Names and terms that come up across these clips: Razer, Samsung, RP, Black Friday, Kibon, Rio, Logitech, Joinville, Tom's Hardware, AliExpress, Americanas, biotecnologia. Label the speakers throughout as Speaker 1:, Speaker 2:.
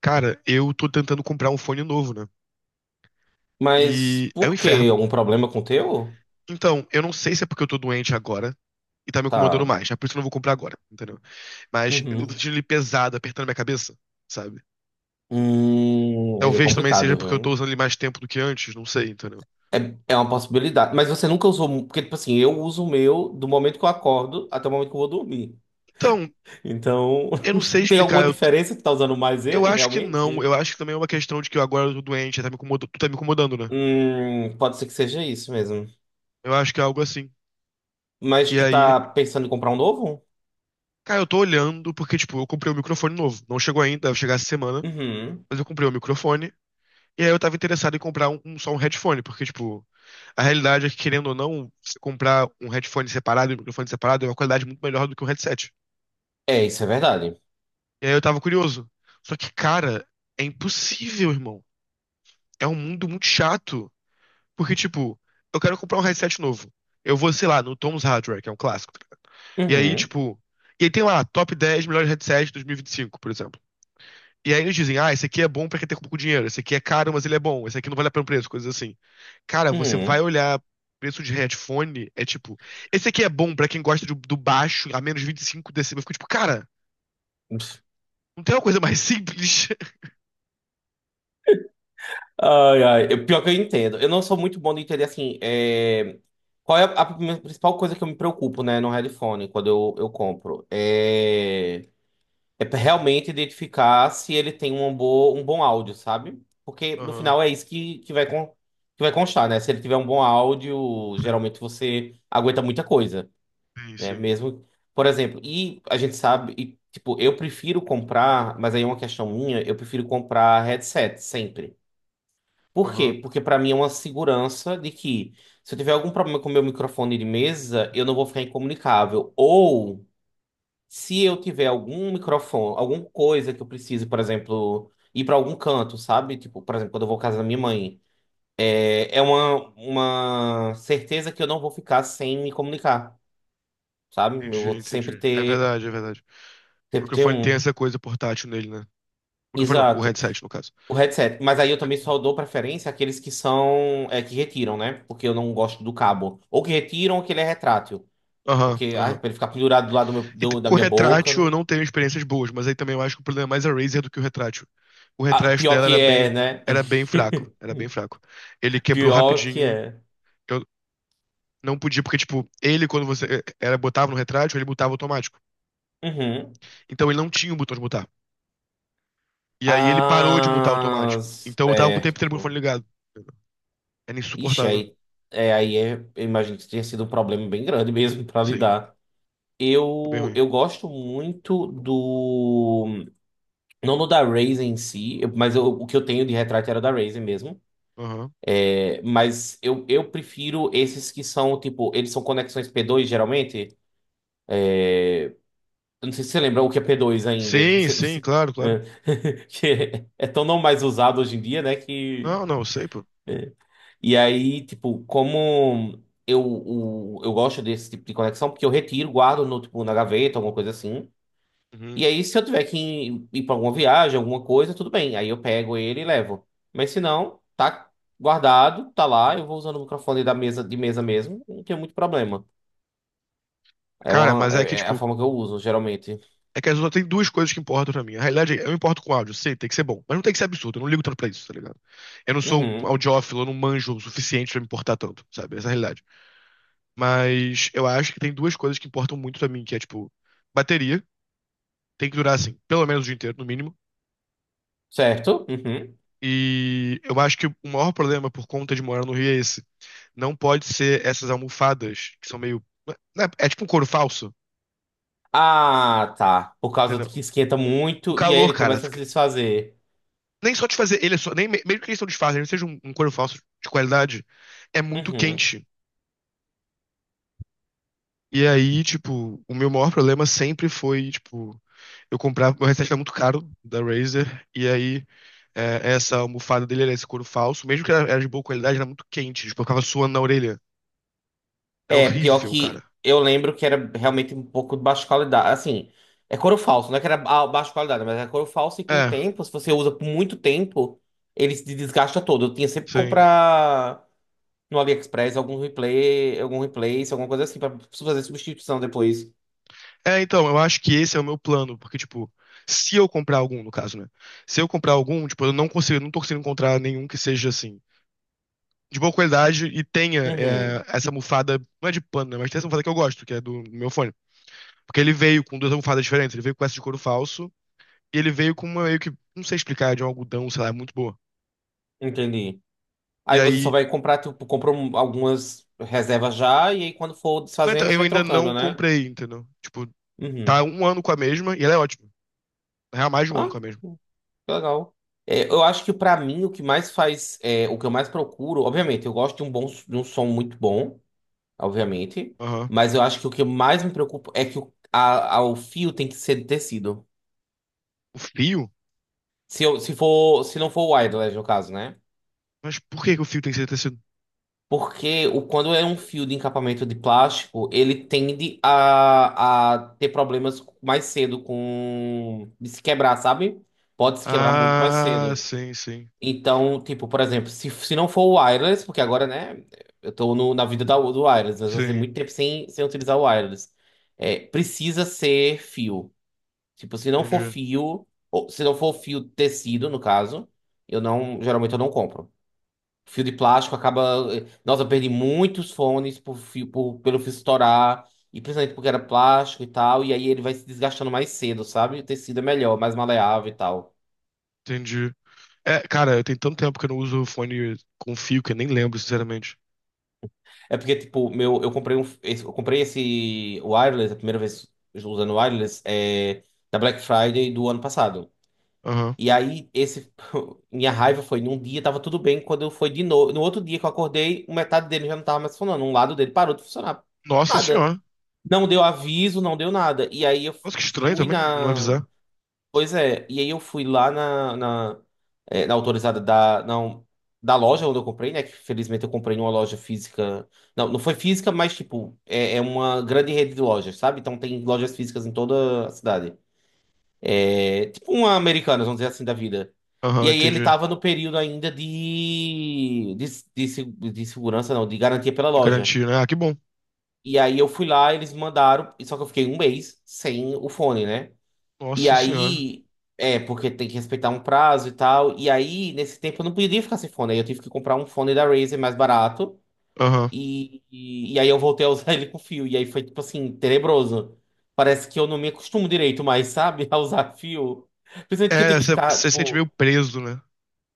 Speaker 1: Cara, eu tô tentando comprar um fone novo, né?
Speaker 2: Mas
Speaker 1: E é um
Speaker 2: por quê?
Speaker 1: inferno.
Speaker 2: Algum problema com o teu?
Speaker 1: Então, eu não sei se é porque eu tô doente agora e tá me incomodando
Speaker 2: Tá.
Speaker 1: mais. É por isso que eu não vou comprar agora, entendeu? Mas eu tô
Speaker 2: Uhum.
Speaker 1: sentindo ele pesado, apertando minha cabeça, sabe?
Speaker 2: Aí é
Speaker 1: Talvez também seja
Speaker 2: complicado,
Speaker 1: porque eu tô
Speaker 2: viu?
Speaker 1: usando ele mais tempo do que antes, não sei, entendeu?
Speaker 2: É, é uma possibilidade. Mas você nunca usou. Porque, tipo assim, eu uso o meu do momento que eu acordo até o momento que eu vou dormir.
Speaker 1: Então,
Speaker 2: Então,
Speaker 1: eu não sei
Speaker 2: tem
Speaker 1: explicar.
Speaker 2: alguma diferença? Que tá usando mais
Speaker 1: Eu
Speaker 2: ele,
Speaker 1: acho que não.
Speaker 2: realmente?
Speaker 1: Eu acho que também é uma questão de que eu agora tô doente, tá me incomodando, né?
Speaker 2: Pode ser que seja isso mesmo.
Speaker 1: Eu acho que é algo assim.
Speaker 2: Mas
Speaker 1: E
Speaker 2: tu
Speaker 1: aí,
Speaker 2: tá pensando em comprar um novo?
Speaker 1: cara, eu tô olhando porque, tipo, eu comprei um microfone novo. Não chegou ainda, deve chegar essa semana.
Speaker 2: Uhum.
Speaker 1: Mas eu comprei o microfone. E aí eu tava interessado em comprar só um headphone, porque, tipo, a realidade é que, querendo ou não, você comprar um headphone separado e um microfone separado é uma qualidade muito melhor do que um headset.
Speaker 2: É, isso é verdade.
Speaker 1: E aí eu tava curioso. Só que, cara, é impossível, irmão. É um mundo muito chato. Porque, tipo, eu quero comprar um headset novo. Eu vou, sei lá, no Tom's Hardware, que é um clássico. E aí,
Speaker 2: Uhum.
Speaker 1: tipo. E aí tem lá, top 10 melhores headsets de 2025, por exemplo. E aí eles dizem, ah, esse aqui é bom pra quem tem pouco dinheiro, esse aqui é caro, mas ele é bom, esse aqui não vale a pena o preço, coisas assim. Cara, você vai
Speaker 2: Uhum.
Speaker 1: olhar preço de headphone, é tipo, esse aqui é bom pra quem gosta do baixo a menos 25 decibéis. Eu fico tipo, cara, não tem uma coisa mais simples?
Speaker 2: Ai, ai. Pior que eu entendo. Eu não sou muito bom de entender, assim, é, qual é a minha principal coisa que eu me preocupo, né, no headphone, quando eu compro. É... é pra realmente identificar se ele tem um bom áudio, sabe? Porque, no
Speaker 1: Aham,
Speaker 2: final, é isso que vai, con... que vai constar, né? Se ele tiver um bom áudio,
Speaker 1: sim,
Speaker 2: geralmente você aguenta muita coisa,
Speaker 1: sim,
Speaker 2: né?
Speaker 1: sim.
Speaker 2: Mesmo, por exemplo, e a gente sabe... E, tipo, eu prefiro comprar, mas aí é uma questão minha, eu prefiro comprar headset sempre. Por quê?
Speaker 1: Aham,
Speaker 2: Porque pra mim é uma segurança de que se eu tiver algum problema com o meu microfone de mesa, eu não vou ficar incomunicável. Ou se eu tiver algum microfone, alguma coisa que eu precise, por exemplo, ir pra algum canto, sabe? Tipo, por exemplo, quando eu vou à casa da minha mãe, é, é uma certeza que eu não vou ficar sem me comunicar, sabe? Eu
Speaker 1: entendi,
Speaker 2: vou
Speaker 1: entendi. É verdade, é verdade. O
Speaker 2: sempre ter
Speaker 1: microfone tem
Speaker 2: um.
Speaker 1: essa coisa portátil nele, né? O microfone não, o
Speaker 2: Exato.
Speaker 1: headset, no caso.
Speaker 2: O headset, mas aí eu também só dou preferência àqueles que são, é, que retiram, né? Porque eu não gosto do cabo. Ou que retiram ou que ele é retrátil.
Speaker 1: Aham,
Speaker 2: Porque, ai,
Speaker 1: aham.
Speaker 2: pra ele ficar pendurado do lado do
Speaker 1: E t-
Speaker 2: da
Speaker 1: com o
Speaker 2: minha boca,
Speaker 1: retrátil eu
Speaker 2: não...
Speaker 1: não tenho experiências boas, mas aí também eu acho que o problema é mais a Razer do que o retrátil. O
Speaker 2: Ah,
Speaker 1: retrátil
Speaker 2: pior
Speaker 1: dela
Speaker 2: que é, né?
Speaker 1: era bem fraco, era bem fraco. Ele quebrou
Speaker 2: Pior que
Speaker 1: rapidinho.
Speaker 2: é.
Speaker 1: Eu não podia porque tipo, ele quando você eh, era botava no retrátil, ele mutava automático.
Speaker 2: Uhum.
Speaker 1: Então ele não tinha o botão de mutar. E aí ele parou de mutar
Speaker 2: Ah,
Speaker 1: automático. Então eu tava com o tempo inteiro com o fone
Speaker 2: certo.
Speaker 1: ligado. Era
Speaker 2: Ixi,
Speaker 1: insuportável.
Speaker 2: aí é, eu imagino que tenha sido um problema bem grande mesmo pra
Speaker 1: Sim,
Speaker 2: lidar.
Speaker 1: foi bem
Speaker 2: Eu
Speaker 1: ruim.
Speaker 2: gosto muito do. Não no da Razer em si, o que eu tenho de retrato era da Razer mesmo.
Speaker 1: Aham.
Speaker 2: É, mas eu prefiro esses que são, tipo, eles são conexões P2 geralmente. Eu não sei se você lembra o que é P2 ainda.
Speaker 1: Sim, sim, claro, claro.
Speaker 2: É, que é tão não mais usado hoje em dia, né? Que...
Speaker 1: Não, não, sei, pô.
Speaker 2: E aí, tipo, como eu, eu gosto desse tipo de conexão, porque eu retiro, guardo no, tipo, na gaveta, alguma coisa assim. E
Speaker 1: Uhum.
Speaker 2: aí, se eu tiver que ir para alguma viagem, alguma coisa, tudo bem. Aí eu pego ele e levo. Mas se não, tá guardado, tá lá. Eu vou usando o microfone da mesa, de mesa mesmo. Não tem muito problema. É,
Speaker 1: Cara,
Speaker 2: uma,
Speaker 1: mas é que
Speaker 2: é a
Speaker 1: tipo,
Speaker 2: forma que eu uso, geralmente.
Speaker 1: é que as outras tem duas coisas que importam pra mim. Na realidade, eu importo com áudio, sei, tem que ser bom. Mas não tem que ser absurdo, eu não ligo tanto pra isso, tá ligado? Eu não sou um
Speaker 2: Uhum.
Speaker 1: audiófilo, eu não manjo o suficiente pra me importar tanto, sabe? Essa é a realidade. Mas eu acho que tem duas coisas que importam muito pra mim, que é, tipo, bateria, tem que durar, assim, pelo menos o dia inteiro, no mínimo.
Speaker 2: Certo? Uhum.
Speaker 1: E eu acho que o maior problema por conta de morar no Rio é esse. Não pode ser essas almofadas que são meio, né, é tipo um couro falso,
Speaker 2: Ah, tá. Por causa de que
Speaker 1: entendeu?
Speaker 2: esquenta
Speaker 1: O
Speaker 2: muito e aí
Speaker 1: calor,
Speaker 2: ele
Speaker 1: cara,
Speaker 2: começa a se desfazer.
Speaker 1: nem só de fazer ele é só, nem, mesmo que eles não disfarcem, seja um couro falso de qualidade, é muito
Speaker 2: Uhum.
Speaker 1: quente. E aí, tipo, o meu maior problema sempre foi, tipo, eu comprava, meu headset era muito caro da Razer, e aí essa almofada dele era esse couro falso, mesmo que era de boa qualidade, era muito quente, tipo, eu ficava suando na orelha. Era
Speaker 2: É, pior
Speaker 1: horrível, cara.
Speaker 2: que eu lembro que era realmente um pouco de baixa qualidade. Assim, é couro falso, não é que era baixa qualidade, mas é couro falso e com o
Speaker 1: É,
Speaker 2: tempo, se você usa por muito tempo, ele se desgasta todo. Eu tinha sempre que
Speaker 1: sim.
Speaker 2: comprar no AliExpress algum replay, algum replace, alguma coisa assim, pra fazer substituição depois.
Speaker 1: É, então, eu acho que esse é o meu plano, porque, tipo, se eu comprar algum, no caso, né? Se eu comprar algum, tipo, eu não consigo, eu não tô conseguindo encontrar nenhum que seja assim. De boa qualidade e tenha
Speaker 2: Uhum,
Speaker 1: é, essa almofada, não é de pano, né, mas tem essa almofada que eu gosto, que é do meu fone. Porque ele veio com duas almofadas diferentes, ele veio com essa de couro falso e ele veio com uma meio que, não sei explicar, de um algodão, sei lá, muito boa.
Speaker 2: entendi.
Speaker 1: E
Speaker 2: Aí você só
Speaker 1: aí,
Speaker 2: vai comprar, tipo, comprou algumas reservas já, e aí quando for
Speaker 1: não, então,
Speaker 2: desfazendo, você
Speaker 1: eu
Speaker 2: vai
Speaker 1: ainda não
Speaker 2: trocando, né?
Speaker 1: comprei, entendeu? Tipo, tá
Speaker 2: Uhum.
Speaker 1: um ano com a mesma e ela é ótima. Na real, mais de um
Speaker 2: Ah?
Speaker 1: ano com a mesma.
Speaker 2: Que legal. É, eu acho que pra mim o que mais faz, é, o que eu mais procuro, obviamente, eu gosto de um bom, de um som muito bom, obviamente,
Speaker 1: Aham.
Speaker 2: mas eu acho que o que mais me preocupa é que o fio tem que ser de tecido.
Speaker 1: O fio?
Speaker 2: Se eu, se for, se não for wireless no caso, né?
Speaker 1: Mas por que que o fio tem que ser tecido?
Speaker 2: Porque o, quando é um fio de encapamento de plástico, ele tende a ter problemas mais cedo com de se quebrar, sabe? Pode se quebrar muito mais
Speaker 1: Ah,
Speaker 2: cedo.
Speaker 1: sim, sim.
Speaker 2: Então, tipo, por exemplo, se não for o wireless, porque agora, né, eu tô no, na vida da, do wireless, eu fazia
Speaker 1: Sim,
Speaker 2: muito tempo sem, sem utilizar o wireless. É, precisa ser fio. Tipo, se não for
Speaker 1: entendi.
Speaker 2: fio, ou se não for fio tecido, no caso, eu não, geralmente eu não compro. Fio de plástico acaba. Nossa, eu perdi muitos fones por fio, pelo fio estourar, e principalmente porque era plástico e tal, e aí ele vai se desgastando mais cedo, sabe? O tecido é melhor, mais maleável e tal.
Speaker 1: Entendi. É, cara, tem tanto tempo que eu não uso o fone com fio que eu nem lembro, sinceramente.
Speaker 2: É porque, tipo, meu, eu comprei um, eu comprei esse wireless, a primeira vez usando wireless, é, na Black Friday do ano passado.
Speaker 1: Aham.
Speaker 2: E aí, esse, minha raiva foi, num dia tava tudo bem, quando eu fui de novo, no outro dia que eu acordei, um metade dele já não tava mais funcionando, um lado dele parou de funcionar.
Speaker 1: Nossa
Speaker 2: Nada.
Speaker 1: senhora.
Speaker 2: Não deu aviso, não deu nada. E aí eu
Speaker 1: Nossa, que estranho
Speaker 2: fui
Speaker 1: também, não
Speaker 2: na.
Speaker 1: avisar.
Speaker 2: Pois é, e aí eu fui lá na autorizada da, não, da loja onde eu comprei, né? Que felizmente eu comprei numa loja física. Não, não foi física, mas tipo, é, é uma grande rede de lojas, sabe? Então tem lojas físicas em toda a cidade. É, tipo uma Americanas, vamos dizer assim, da vida.
Speaker 1: Aham,
Speaker 2: E aí ele
Speaker 1: entendi.
Speaker 2: tava no período ainda de segurança, não, de garantia pela
Speaker 1: De
Speaker 2: loja.
Speaker 1: garantia, né? Ah, que bom.
Speaker 2: E aí eu fui lá, eles mandaram, e só que eu fiquei um mês sem o fone, né? E
Speaker 1: Nossa senhora.
Speaker 2: aí, é, porque tem que respeitar um prazo e tal. E aí, nesse tempo, eu não podia ficar sem fone. Aí eu tive que comprar um fone da Razer mais barato.
Speaker 1: Aham.
Speaker 2: E aí eu voltei a usar ele com fio. E aí foi, tipo assim, tenebroso. Parece que eu não me acostumo direito mais, sabe? A usar fio. Principalmente que eu
Speaker 1: É,
Speaker 2: tenho que
Speaker 1: você
Speaker 2: ficar,
Speaker 1: se sente
Speaker 2: tipo,
Speaker 1: meio preso, né?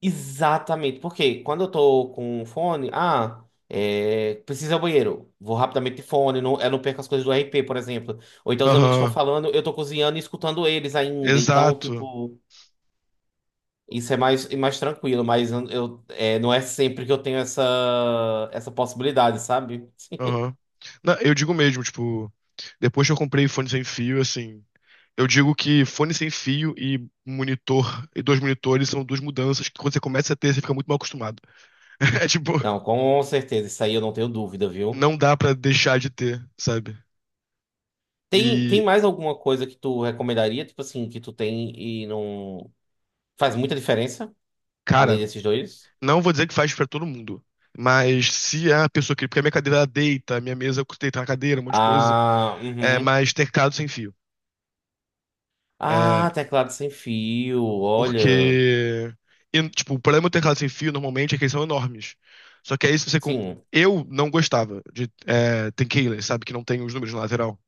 Speaker 2: exatamente. Porque quando eu tô com um fone, ah, é, preciso ir ao banheiro. Vou rapidamente de fone, não, eu não perco as coisas do RP, por exemplo. Ou então os amigos estão
Speaker 1: Aham.
Speaker 2: falando, eu tô cozinhando e escutando eles ainda. Então,
Speaker 1: Exato.
Speaker 2: tipo. Isso é mais tranquilo, mas é, não é sempre que eu tenho essa, essa possibilidade, sabe?
Speaker 1: Aham. Não, eu digo mesmo, tipo, depois que eu comprei fone sem fio, assim, eu digo que fone sem fio e monitor, e dois monitores são duas mudanças que quando você começa a ter, você fica muito mal acostumado. É tipo,
Speaker 2: Não, com certeza, isso aí eu não tenho dúvida, viu?
Speaker 1: não dá pra deixar de ter, sabe?
Speaker 2: Tem, tem
Speaker 1: E,
Speaker 2: mais alguma coisa que tu recomendaria, tipo assim, que tu tem e não faz muita diferença, além
Speaker 1: cara,
Speaker 2: desses dois?
Speaker 1: não vou dizer que faz pra todo mundo. Mas se é a pessoa que. Porque a minha cadeira ela deita, a minha mesa deita na cadeira, um monte de coisa.
Speaker 2: Ah,
Speaker 1: É,
Speaker 2: uhum.
Speaker 1: mas teclado sem fio. É,
Speaker 2: Ah, teclado sem fio, olha.
Speaker 1: porque. E, tipo, o problema do teclado sem fio normalmente é que eles são enormes. Só que aí se você.
Speaker 2: Sim.
Speaker 1: Eu não gostava de ter keyless, sabe? Que não tem os números na lateral.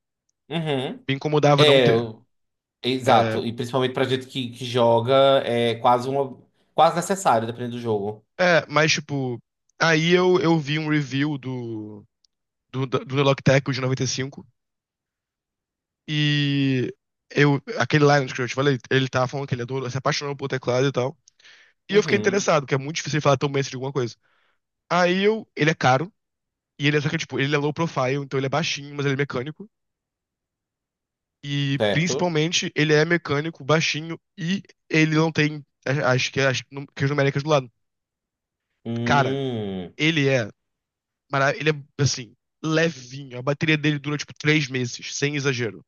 Speaker 2: Uhum.
Speaker 1: Me incomodava não
Speaker 2: É,
Speaker 1: ter.
Speaker 2: eu-
Speaker 1: É,
Speaker 2: exato. E principalmente pra gente que joga, é quase uma, quase necessário, dependendo do jogo.
Speaker 1: é, mas tipo. Aí eu vi um review do, do Logitech o de 95. E eu, aquele Lionel que eu te falei, ele tava falando que ele adorou, se apaixonou pelo teclado e tal. E eu fiquei
Speaker 2: Uhum.
Speaker 1: interessado, porque é muito difícil ele falar tão bem assim de alguma coisa. Aí eu, ele é caro, e ele é só que, tipo, ele é low profile, então ele é baixinho, mas ele é mecânico. E
Speaker 2: Certo.
Speaker 1: principalmente, ele é mecânico, baixinho, e ele não tem a- as que as num- que as numéricas do lado. Cara,
Speaker 2: Hum.
Speaker 1: ele é, ele é assim, levinho. A bateria dele dura tipo 3 meses, sem exagero.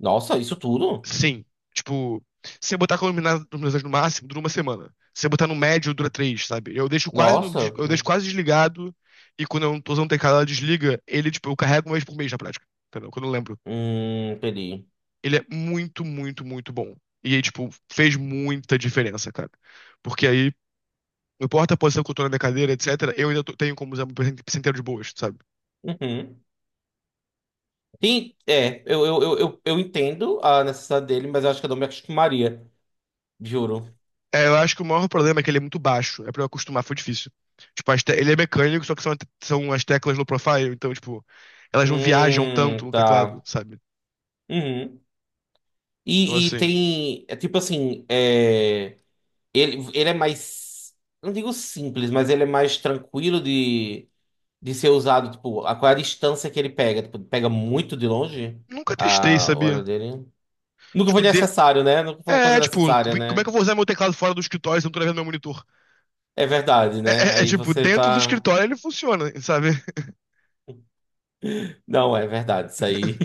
Speaker 2: Nossa, isso tudo?
Speaker 1: Sim. Tipo, se eu botar com iluminação no máximo, dura uma semana. Se eu botar no médio, dura três, sabe? Eu deixo quase no,
Speaker 2: Nossa.
Speaker 1: des- eu deixo quase desligado e quando eu não tô usando o teclado, ela desliga, ele, tipo, eu carrego uma vez por mês na prática. Entendeu? Quando eu lembro.
Speaker 2: Entendi.
Speaker 1: Ele é muito, muito, muito bom. E aí, tipo, fez muita diferença, cara. Porque aí, não importa a posição que eu tô na minha cadeira, etc., eu ainda tenho como usar o presente inteiro de boas, sabe?
Speaker 2: Uhum. Sim, é, eu entendo a necessidade dele, mas eu acho que eu não me acostumaria, juro.
Speaker 1: É, eu acho que o maior problema é que ele é muito baixo. É pra eu acostumar, foi difícil. Tipo, ele é mecânico, só que são, são as teclas low profile, então, tipo, elas não viajam tanto no teclado,
Speaker 2: Tá.
Speaker 1: sabe?
Speaker 2: Uhum.
Speaker 1: Então,
Speaker 2: E
Speaker 1: assim,
Speaker 2: tem, é tipo assim, é, ele é mais, não digo simples, mas ele é mais tranquilo de ser usado, tipo, a qual é a distância que ele pega? Tipo, pega muito de longe
Speaker 1: nunca testei,
Speaker 2: a hora
Speaker 1: sabia?
Speaker 2: dele? Nunca foi
Speaker 1: Tipo, de...
Speaker 2: necessário, né? Nunca foi uma coisa
Speaker 1: É, tipo,
Speaker 2: necessária,
Speaker 1: como é que
Speaker 2: né?
Speaker 1: eu vou usar meu teclado fora do escritório se eu não tô levando meu monitor?
Speaker 2: É verdade,
Speaker 1: É,
Speaker 2: né?
Speaker 1: é
Speaker 2: Aí
Speaker 1: tipo,
Speaker 2: você
Speaker 1: dentro do
Speaker 2: tá.
Speaker 1: escritório ele funciona, sabe?
Speaker 2: Não, é verdade, isso aí.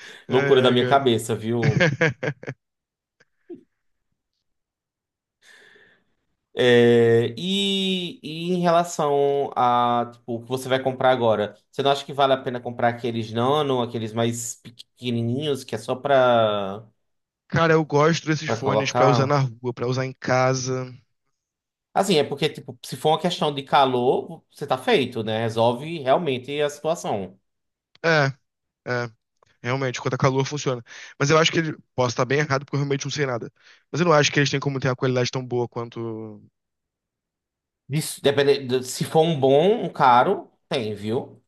Speaker 2: Loucura da
Speaker 1: É, é,
Speaker 2: minha
Speaker 1: cara.
Speaker 2: cabeça, viu? É, e em relação a, tipo, o que você vai comprar agora, você não acha que vale a pena comprar aqueles nano, aqueles mais pequenininhos, que é só pra,
Speaker 1: Cara, eu gosto desses
Speaker 2: pra
Speaker 1: fones pra usar na
Speaker 2: colocar?
Speaker 1: rua, pra usar em casa.
Speaker 2: Assim, é porque, tipo, se for uma questão de calor, você tá feito, né? Resolve realmente a situação.
Speaker 1: É, é. Realmente, quanto a calor funciona. Mas eu acho que ele. Posso estar bem errado, porque eu realmente não sei nada. Mas eu não acho que eles têm como ter uma qualidade tão boa quanto.
Speaker 2: Isso, depende, se for um bom, um caro, tem, viu?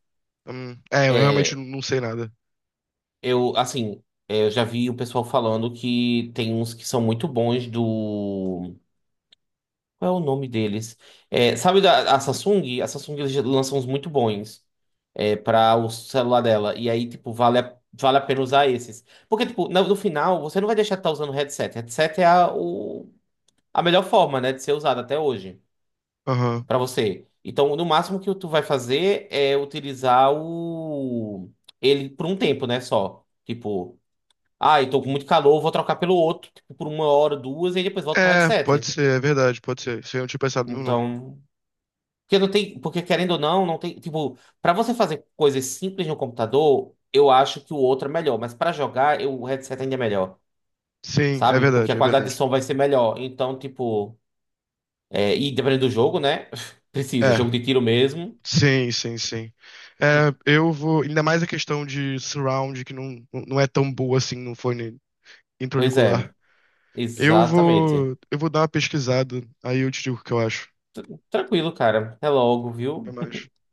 Speaker 1: É, eu realmente
Speaker 2: É,
Speaker 1: não sei nada.
Speaker 2: eu, assim, é, eu já vi o pessoal falando que tem uns que são muito bons do. Qual é o nome deles? É, sabe da a Samsung? A Samsung eles lançam uns muito bons é, para o celular dela. E aí, tipo, vale vale a pena usar esses. Porque, tipo, no, no final, você não vai deixar de estar usando headset. Headset é a melhor forma, né, de ser usado até hoje
Speaker 1: Aham.
Speaker 2: pra você. Então, no máximo que tu vai fazer é utilizar o ele por um tempo, né, só. Tipo. Ah, eu tô com muito calor, vou trocar pelo outro, tipo, por uma hora, duas, e aí depois volto pro
Speaker 1: É, pode
Speaker 2: headset.
Speaker 1: ser, é verdade, pode ser. Isso aí eu não tinha pensado mesmo, não.
Speaker 2: Então, porque não tem, porque querendo ou não, não tem, tipo, pra você fazer coisas simples no computador, eu acho que o outro é melhor, mas pra jogar, o headset ainda é melhor,
Speaker 1: Sim, é
Speaker 2: sabe? Porque a
Speaker 1: verdade, é
Speaker 2: qualidade de
Speaker 1: verdade.
Speaker 2: som vai ser melhor. Então, tipo, é, e dependendo do jogo, né? Precisa, jogo
Speaker 1: É,
Speaker 2: de tiro mesmo.
Speaker 1: sim, sim, sim. É, eu vou. Ainda mais a questão de surround, que não é tão boa assim no fone
Speaker 2: Pois
Speaker 1: intrauricular.
Speaker 2: é,
Speaker 1: Eu
Speaker 2: exatamente.
Speaker 1: vou. Eu vou dar uma pesquisada, aí eu te digo o que eu acho.
Speaker 2: Tranquilo, cara. Até logo,
Speaker 1: Até
Speaker 2: viu?
Speaker 1: mais.